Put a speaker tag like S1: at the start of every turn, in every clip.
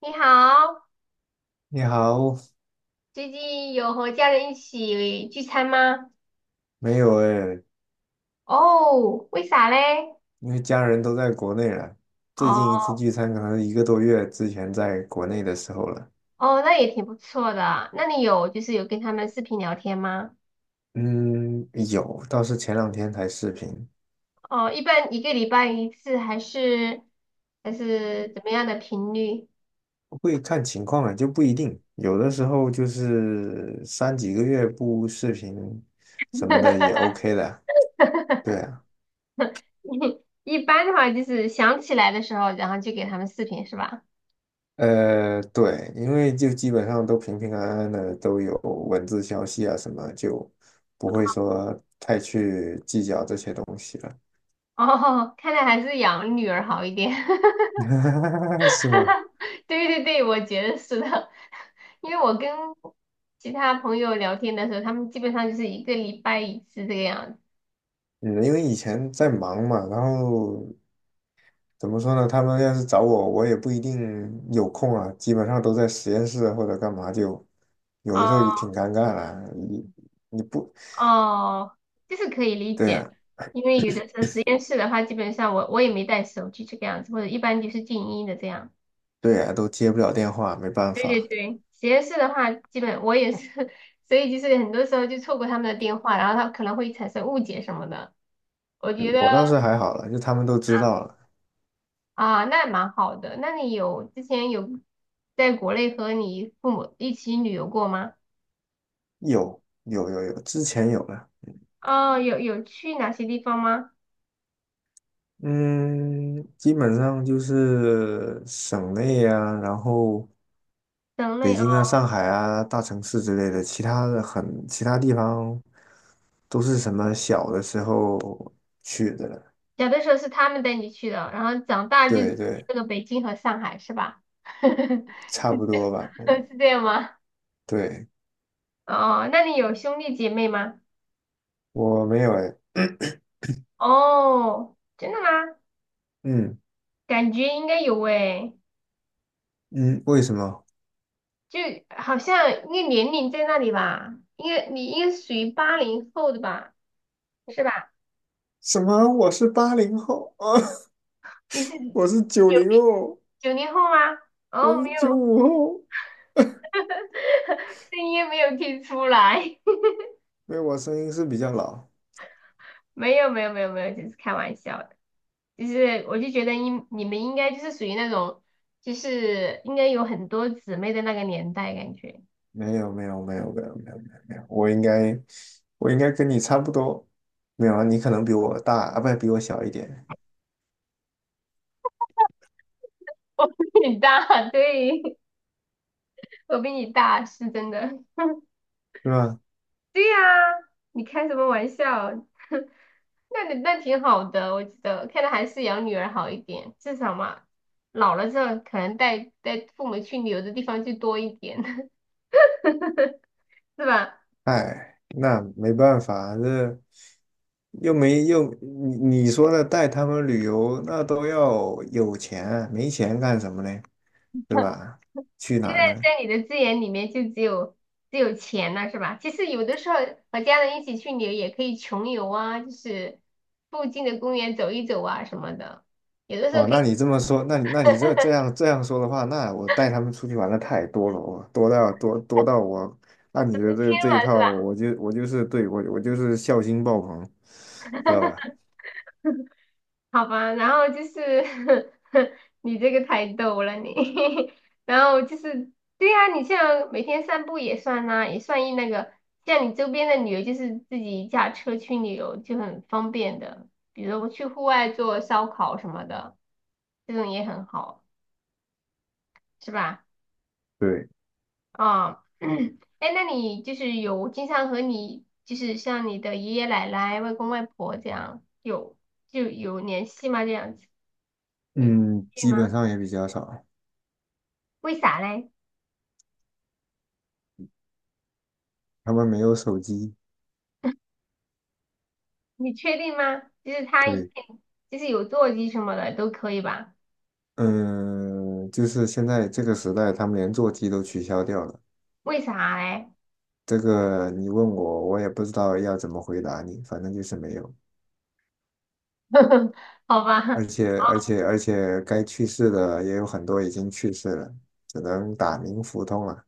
S1: 你好，
S2: 你好，
S1: 最近有和家人一起聚餐吗？
S2: 没有哎，
S1: 哦，为啥嘞？
S2: 因为家人都在国内了。最近一
S1: 哦
S2: 次聚餐可能一个多月之前在国内的时候了。
S1: 哦，那也挺不错的。那你有就是有跟他们视频聊天吗？
S2: 嗯，有，倒是前两天才视频，
S1: 哦，一般一个礼拜一次还是怎么样的频率？
S2: 会看情况啊，就不一定。有的时候就是三几个月不视频什么的也 OK 的。对啊。
S1: 一般的话就是想起来的时候，然后就给他们视频是吧？
S2: 对，因为就基本上都平平安安的，都有文字消息啊什么，就不会说太去计较这些东西了。
S1: 哦，看来还是养女儿好一点。
S2: 是吗？
S1: 对对对，我觉得是的，因为我跟其他朋友聊天的时候，他们基本上就是一个礼拜一次这个样子。
S2: 嗯，因为以前在忙嘛，然后怎么说呢？他们要是找我，我也不一定有空啊，基本上都在实验室啊或者干嘛就，有的
S1: 哦
S2: 时候也挺尴尬的。你你不
S1: 哦，就是可以理
S2: 对
S1: 解，
S2: 呀，
S1: 因为有的时候实验室的话，基本上我也没带手机这个样子，或者一般就是静音的这样。
S2: 对呀，都接不了电话，没办
S1: 对对
S2: 法。
S1: 对，实验室的话，基本我也是，所以就是很多时候就错过他们的电话，然后他可能会产生误解什么的，我
S2: 嗯，
S1: 觉得。
S2: 我倒是还好了，就他们都知道了。
S1: 啊，那蛮好的。那你之前有在国内和你父母一起旅游过吗？
S2: 有有有有，之前有了。
S1: 哦，有去哪些地方吗？
S2: 嗯，基本上就是省内呀，然后。
S1: 省内
S2: 北
S1: 哦，
S2: 京啊、上海啊、大城市之类的，其他地方都是什么小的时候去的了。
S1: 小的时候是他们带你去的，然后长大就去
S2: 对对，
S1: 了北京和上海，是吧？
S2: 差不多吧。嗯，
S1: 是这样吗？
S2: 对。
S1: 哦，那你有兄弟姐妹吗？
S2: 我没有哎。
S1: 哦，真的吗？
S2: 嗯
S1: 感觉应该有诶，
S2: 嗯，为什么？
S1: 就好像应该年龄在那里吧，你应该属于八零后的吧，是吧？
S2: 什么？我是80后啊？
S1: 你是 有
S2: 我是90后，
S1: 九零后吗？
S2: 我
S1: 哦，没
S2: 是九
S1: 有，
S2: 五后。
S1: 声音没有听出来，
S2: 没有，我声音是比较老。
S1: 没有没有没有没有，只是开玩笑的。就是我就觉得你们应该就是属于那种，就是应该有很多姊妹的那个年代，感觉。
S2: 没有没有没有没有没有没有没有，我应该跟你差不多。没有啊，你可能比我大啊，不比我小一点，
S1: 你大，对，我比你大，是真的。
S2: 是吧？
S1: 对呀、你开什么玩笑？那你，那挺好的，我觉得看来还是养女儿好一点，至少嘛，老了之后可能带带父母去旅游的地方就多一点，是吧？
S2: 哎，那没办法，这又没又你说的带他们旅游，那都要有钱，没钱干什么呢？对吧？去哪
S1: 现
S2: 儿
S1: 在
S2: 呢？
S1: 在你的资源里面就只有钱了，是吧？其实有的时候和家人一起去旅游也可以穷游啊，就是附近的公园走一走啊什么的，有的时候
S2: 哦，
S1: 可
S2: 那
S1: 以
S2: 你这么说，那你这样说的话，那我带他们出去玩的太多了，我多到我按你的这一
S1: 的，是
S2: 套，
S1: 吧？
S2: 我就是对我就是孝心爆棚，知道吧？
S1: 好吧，然后就是 你这个太逗了你，然后就是对呀、你像每天散步也算啦、也算一那个，像你周边的旅游就是自己驾车去旅游就很方便的，比如我去户外做烧烤什么的，这种也很好。是吧？
S2: 对，
S1: 啊、哎，那你就是有经常和你，就是像你的爷爷奶奶、外公外婆这样，有联系吗？这样子，有，
S2: 嗯，
S1: 对
S2: 基本
S1: 吗？
S2: 上也比较少，
S1: 为啥嘞？
S2: 他们没有手机。
S1: 你确定吗？就是他
S2: 对，
S1: 就是有座机什么的都可以吧？
S2: 嗯，就是现在这个时代，他们连座机都取消掉了。
S1: 为啥嘞？
S2: 这个你问我，我也不知道要怎么回答你，反正就是没有。
S1: 好吧，
S2: 而且，该去世的也有很多已经去世了，只能打鸣服通了。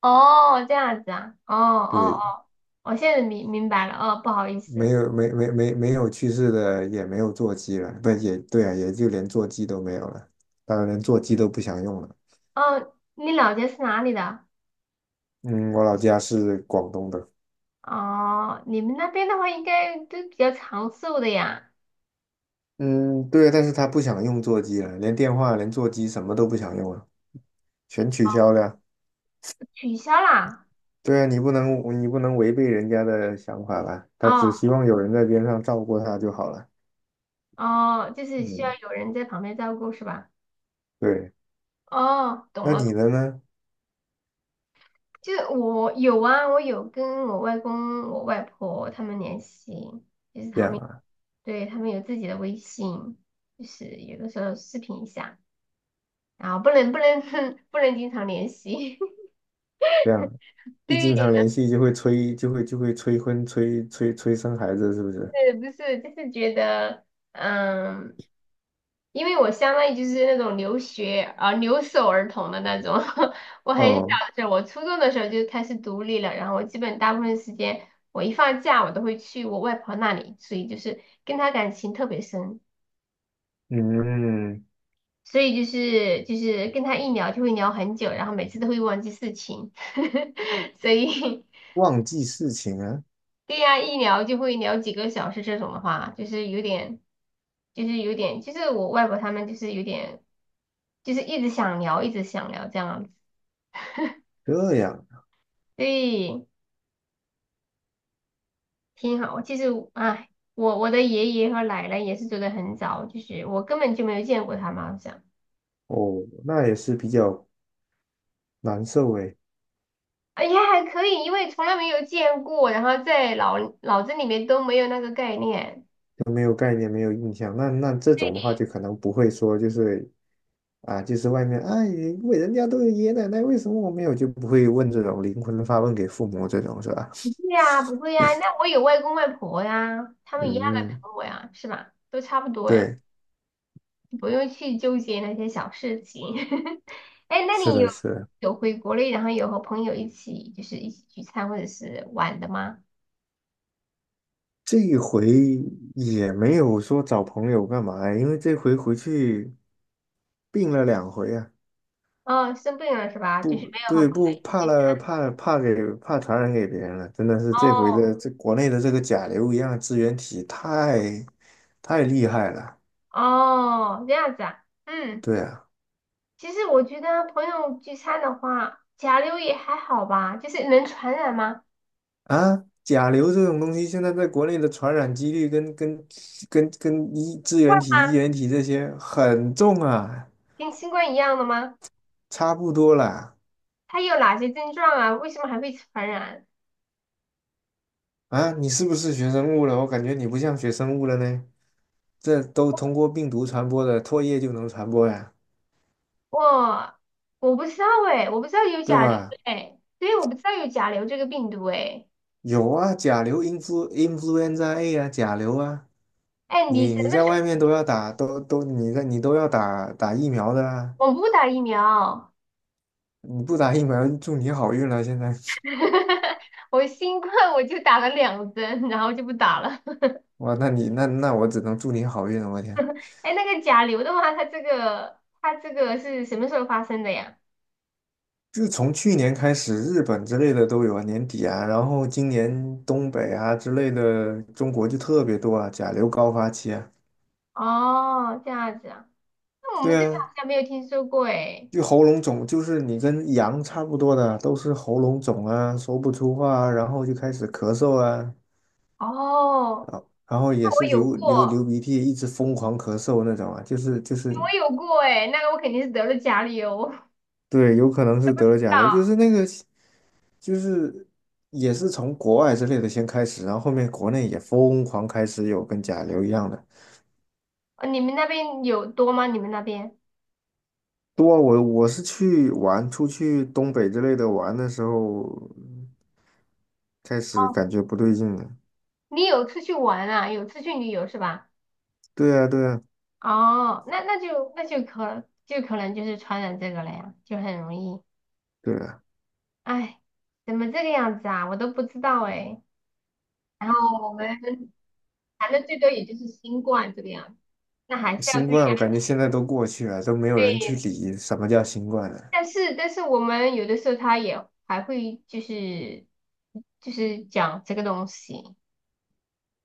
S1: 哦，这样子啊，哦哦
S2: 对，
S1: 哦，我现在明白了，哦，不好意
S2: 没
S1: 思，
S2: 有，没有去世的，也没有座机了，不也对啊，也就连座机都没有了，当然连座机都不想用了。
S1: 哦，你老家是哪里的？
S2: 嗯，我老家是广东的。
S1: 哦，你们那边的话应该都比较长寿的呀，
S2: 嗯，对，但是他不想用座机了，连电话、连座机什么都不想用了。全取消了。
S1: 取消啦？
S2: 对啊，你不能违背人家的想法吧？他
S1: 哦
S2: 只希望有人在边上照顾他就好了。
S1: 哦，就是需要
S2: 嗯，
S1: 有人在旁边照顾是吧？
S2: 对。
S1: 哦，懂
S2: 那
S1: 了，
S2: 你的呢？
S1: 就是我有啊，我有跟我外公、我外婆他们联系，就是
S2: 这
S1: 他
S2: 样
S1: 们，
S2: 啊。
S1: 对，他们有自己的微信，就是有的时候视频一下，然后不能 不能经常联系，
S2: 这样 一经常
S1: 对，
S2: 联系就会催，就会催婚、催生孩子，是不是？
S1: 是不是？就是觉得，嗯。因为我相当于就是那种留学啊、留守儿童的那种，我很小
S2: 哦，
S1: 我初中的时候就开始独立了，然后我基本大部分时间，我一放假我都会去我外婆那里，所以就是跟她感情特别深，
S2: 嗯，
S1: 所以就是跟她一聊就会聊很久，然后每次都会忘记事情，所以
S2: 忘记事情啊，
S1: 对呀、一聊就会聊几个小时这种的话，就是有点，就是有点，就是我外婆他们就是有点，就是一直想聊，一直想聊这样子。
S2: 这样。
S1: 对，挺好。其实，哎，我的爷爷和奶奶也是走得很早，就是我根本就没有见过他们，好像，
S2: 哦，那也是比较难受诶，
S1: 哎呀，还可以，因为从来没有见过，然后在脑子里面都没有那个概念。
S2: 都没有概念，没有印象。那这种的话，就可能不会说就是啊，就是外面，哎，为人家都有爷爷奶奶，为什么我没有？就不会问这种灵魂发问给父母这种是吧？
S1: 对呀，不会呀，那我有外公外婆呀，他们一样的疼
S2: 嗯，
S1: 我呀，是吧？都差不多呀，
S2: 对，
S1: 不用去纠结那些小事情。哎，那
S2: 是
S1: 你
S2: 的，
S1: 有
S2: 是的，
S1: 有回国内，然后有和朋友一起聚餐或者是玩的吗？
S2: 这一回也没有说找朋友干嘛呀，因为这回回去病了2回啊。
S1: 哦，生病了是吧？就是
S2: 不
S1: 没有和
S2: 对，
S1: 朋
S2: 不
S1: 友。
S2: 怕了，怕传染给别人了，真的是这回
S1: 哦
S2: 的这国内的这个甲流一样的支原体太厉害了。
S1: 哦，这样子啊，嗯，
S2: 对啊。
S1: 其实我觉得朋友聚餐的话，甲流也还好吧，就是能传染吗？
S2: 啊，甲流这种东西，现在在国内的传染几率跟支原体、衣原体这些很重啊，
S1: 跟新冠一样的吗？
S2: 差不多啦。
S1: 它有哪些症状啊？为什么还会传染？
S2: 啊，你是不是学生物了？我感觉你不像学生物了呢。这都通过病毒传播的，唾液就能传播呀，
S1: 我我不知道哎，我不知道有
S2: 对
S1: 甲流
S2: 吧？
S1: 哎，所以我不知道有甲流这个病毒哎。
S2: 有啊，甲流 influenza A 啊，甲流啊，
S1: 哎，你
S2: 你
S1: 什
S2: 你
S1: 么
S2: 在
S1: 时候？
S2: 外面都要打，你都要打疫苗的啊，
S1: 我不打疫苗，
S2: 你不打疫苗祝你好运了，现在。
S1: 我新冠我就打了两针，然后就不打了。
S2: 哇，那你那那我只能祝你好运了，我天！
S1: 哎，那个甲流的话，它这个是什么时候发生的呀？
S2: 就是从去年开始，日本之类的都有啊，年底啊，然后今年东北啊之类的，中国就特别多啊，甲流高发期啊。
S1: 哦，这样子啊，那我
S2: 对
S1: 们这边
S2: 啊，
S1: 好像没有听说过诶。
S2: 就喉咙肿，就是你跟羊差不多的，都是喉咙肿啊，说不出话啊，然后就开始咳嗽啊，
S1: 哦，
S2: 然后
S1: 那
S2: 也
S1: 我
S2: 是
S1: 有
S2: 流
S1: 过，
S2: 鼻涕，一直疯狂咳嗽那种啊，
S1: 我有过诶，那个我肯定是得了甲流。我不知
S2: 对，有可能是得了甲流，就
S1: 道。
S2: 是那个。就是也是从国外之类的先开始，然后后面国内也疯狂开始有跟甲流一样的。
S1: 你们那边有多吗？你们那边？
S2: 多啊，我是去玩，出去东北之类的玩的时候，开始
S1: 哦，
S2: 感觉不对劲了。
S1: 你有出去玩啊？有出去旅游是吧？
S2: 对啊，对啊，
S1: 哦，那就可能就是传染这个了呀，就很容易。
S2: 对啊，
S1: 哎，怎么这个样子啊？我都不知道哎。然后我们谈的最多也就是新冠这个样子，那还是要
S2: 新
S1: 注意
S2: 冠
S1: 安
S2: 我感觉
S1: 全。
S2: 现在都过去了，都没有人去
S1: 对，
S2: 理什么叫新冠了。
S1: 但是，但是我们有的时候他也还会就是讲这个东西。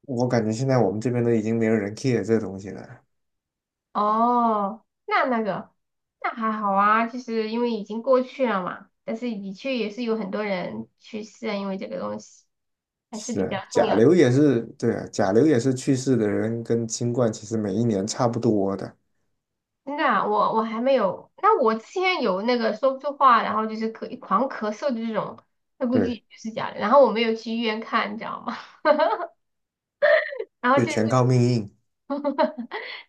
S2: 我感觉现在我们这边都已经没有人 care 这东西了。
S1: 哦，那还好啊，就是因为已经过去了嘛。但是的确也是有很多人去世啊，因为这个东西还是
S2: 是
S1: 比
S2: 啊，
S1: 较重
S2: 甲
S1: 要的，
S2: 流也是，对啊，甲流也是去世的人跟新冠其实每一年差不多的。
S1: 真的啊，我还没有，那我之前有那个说不出话，然后就是狂咳嗽的这种，那估计
S2: 对，
S1: 也是假的。然后我没有去医院看，你知道吗？然后
S2: 就
S1: 就是
S2: 全靠命硬。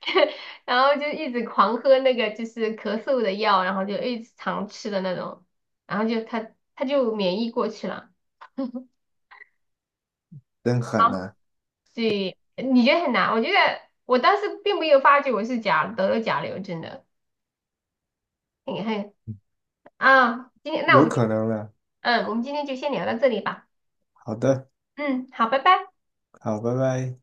S1: 然后就一直狂喝那个就是咳嗽的药，然后就一直常吃的那种，然后就他就免疫过去了。
S2: 真狠
S1: 好，
S2: 呐、
S1: 对，你觉得很难？我觉得我当时并没有发觉我是得了甲流，真的。你看啊，今天，那我
S2: 有
S1: 们
S2: 可能了。
S1: 嗯，我们今天就先聊到这里吧。
S2: 好的，
S1: 嗯，好，拜拜。
S2: 好，拜拜。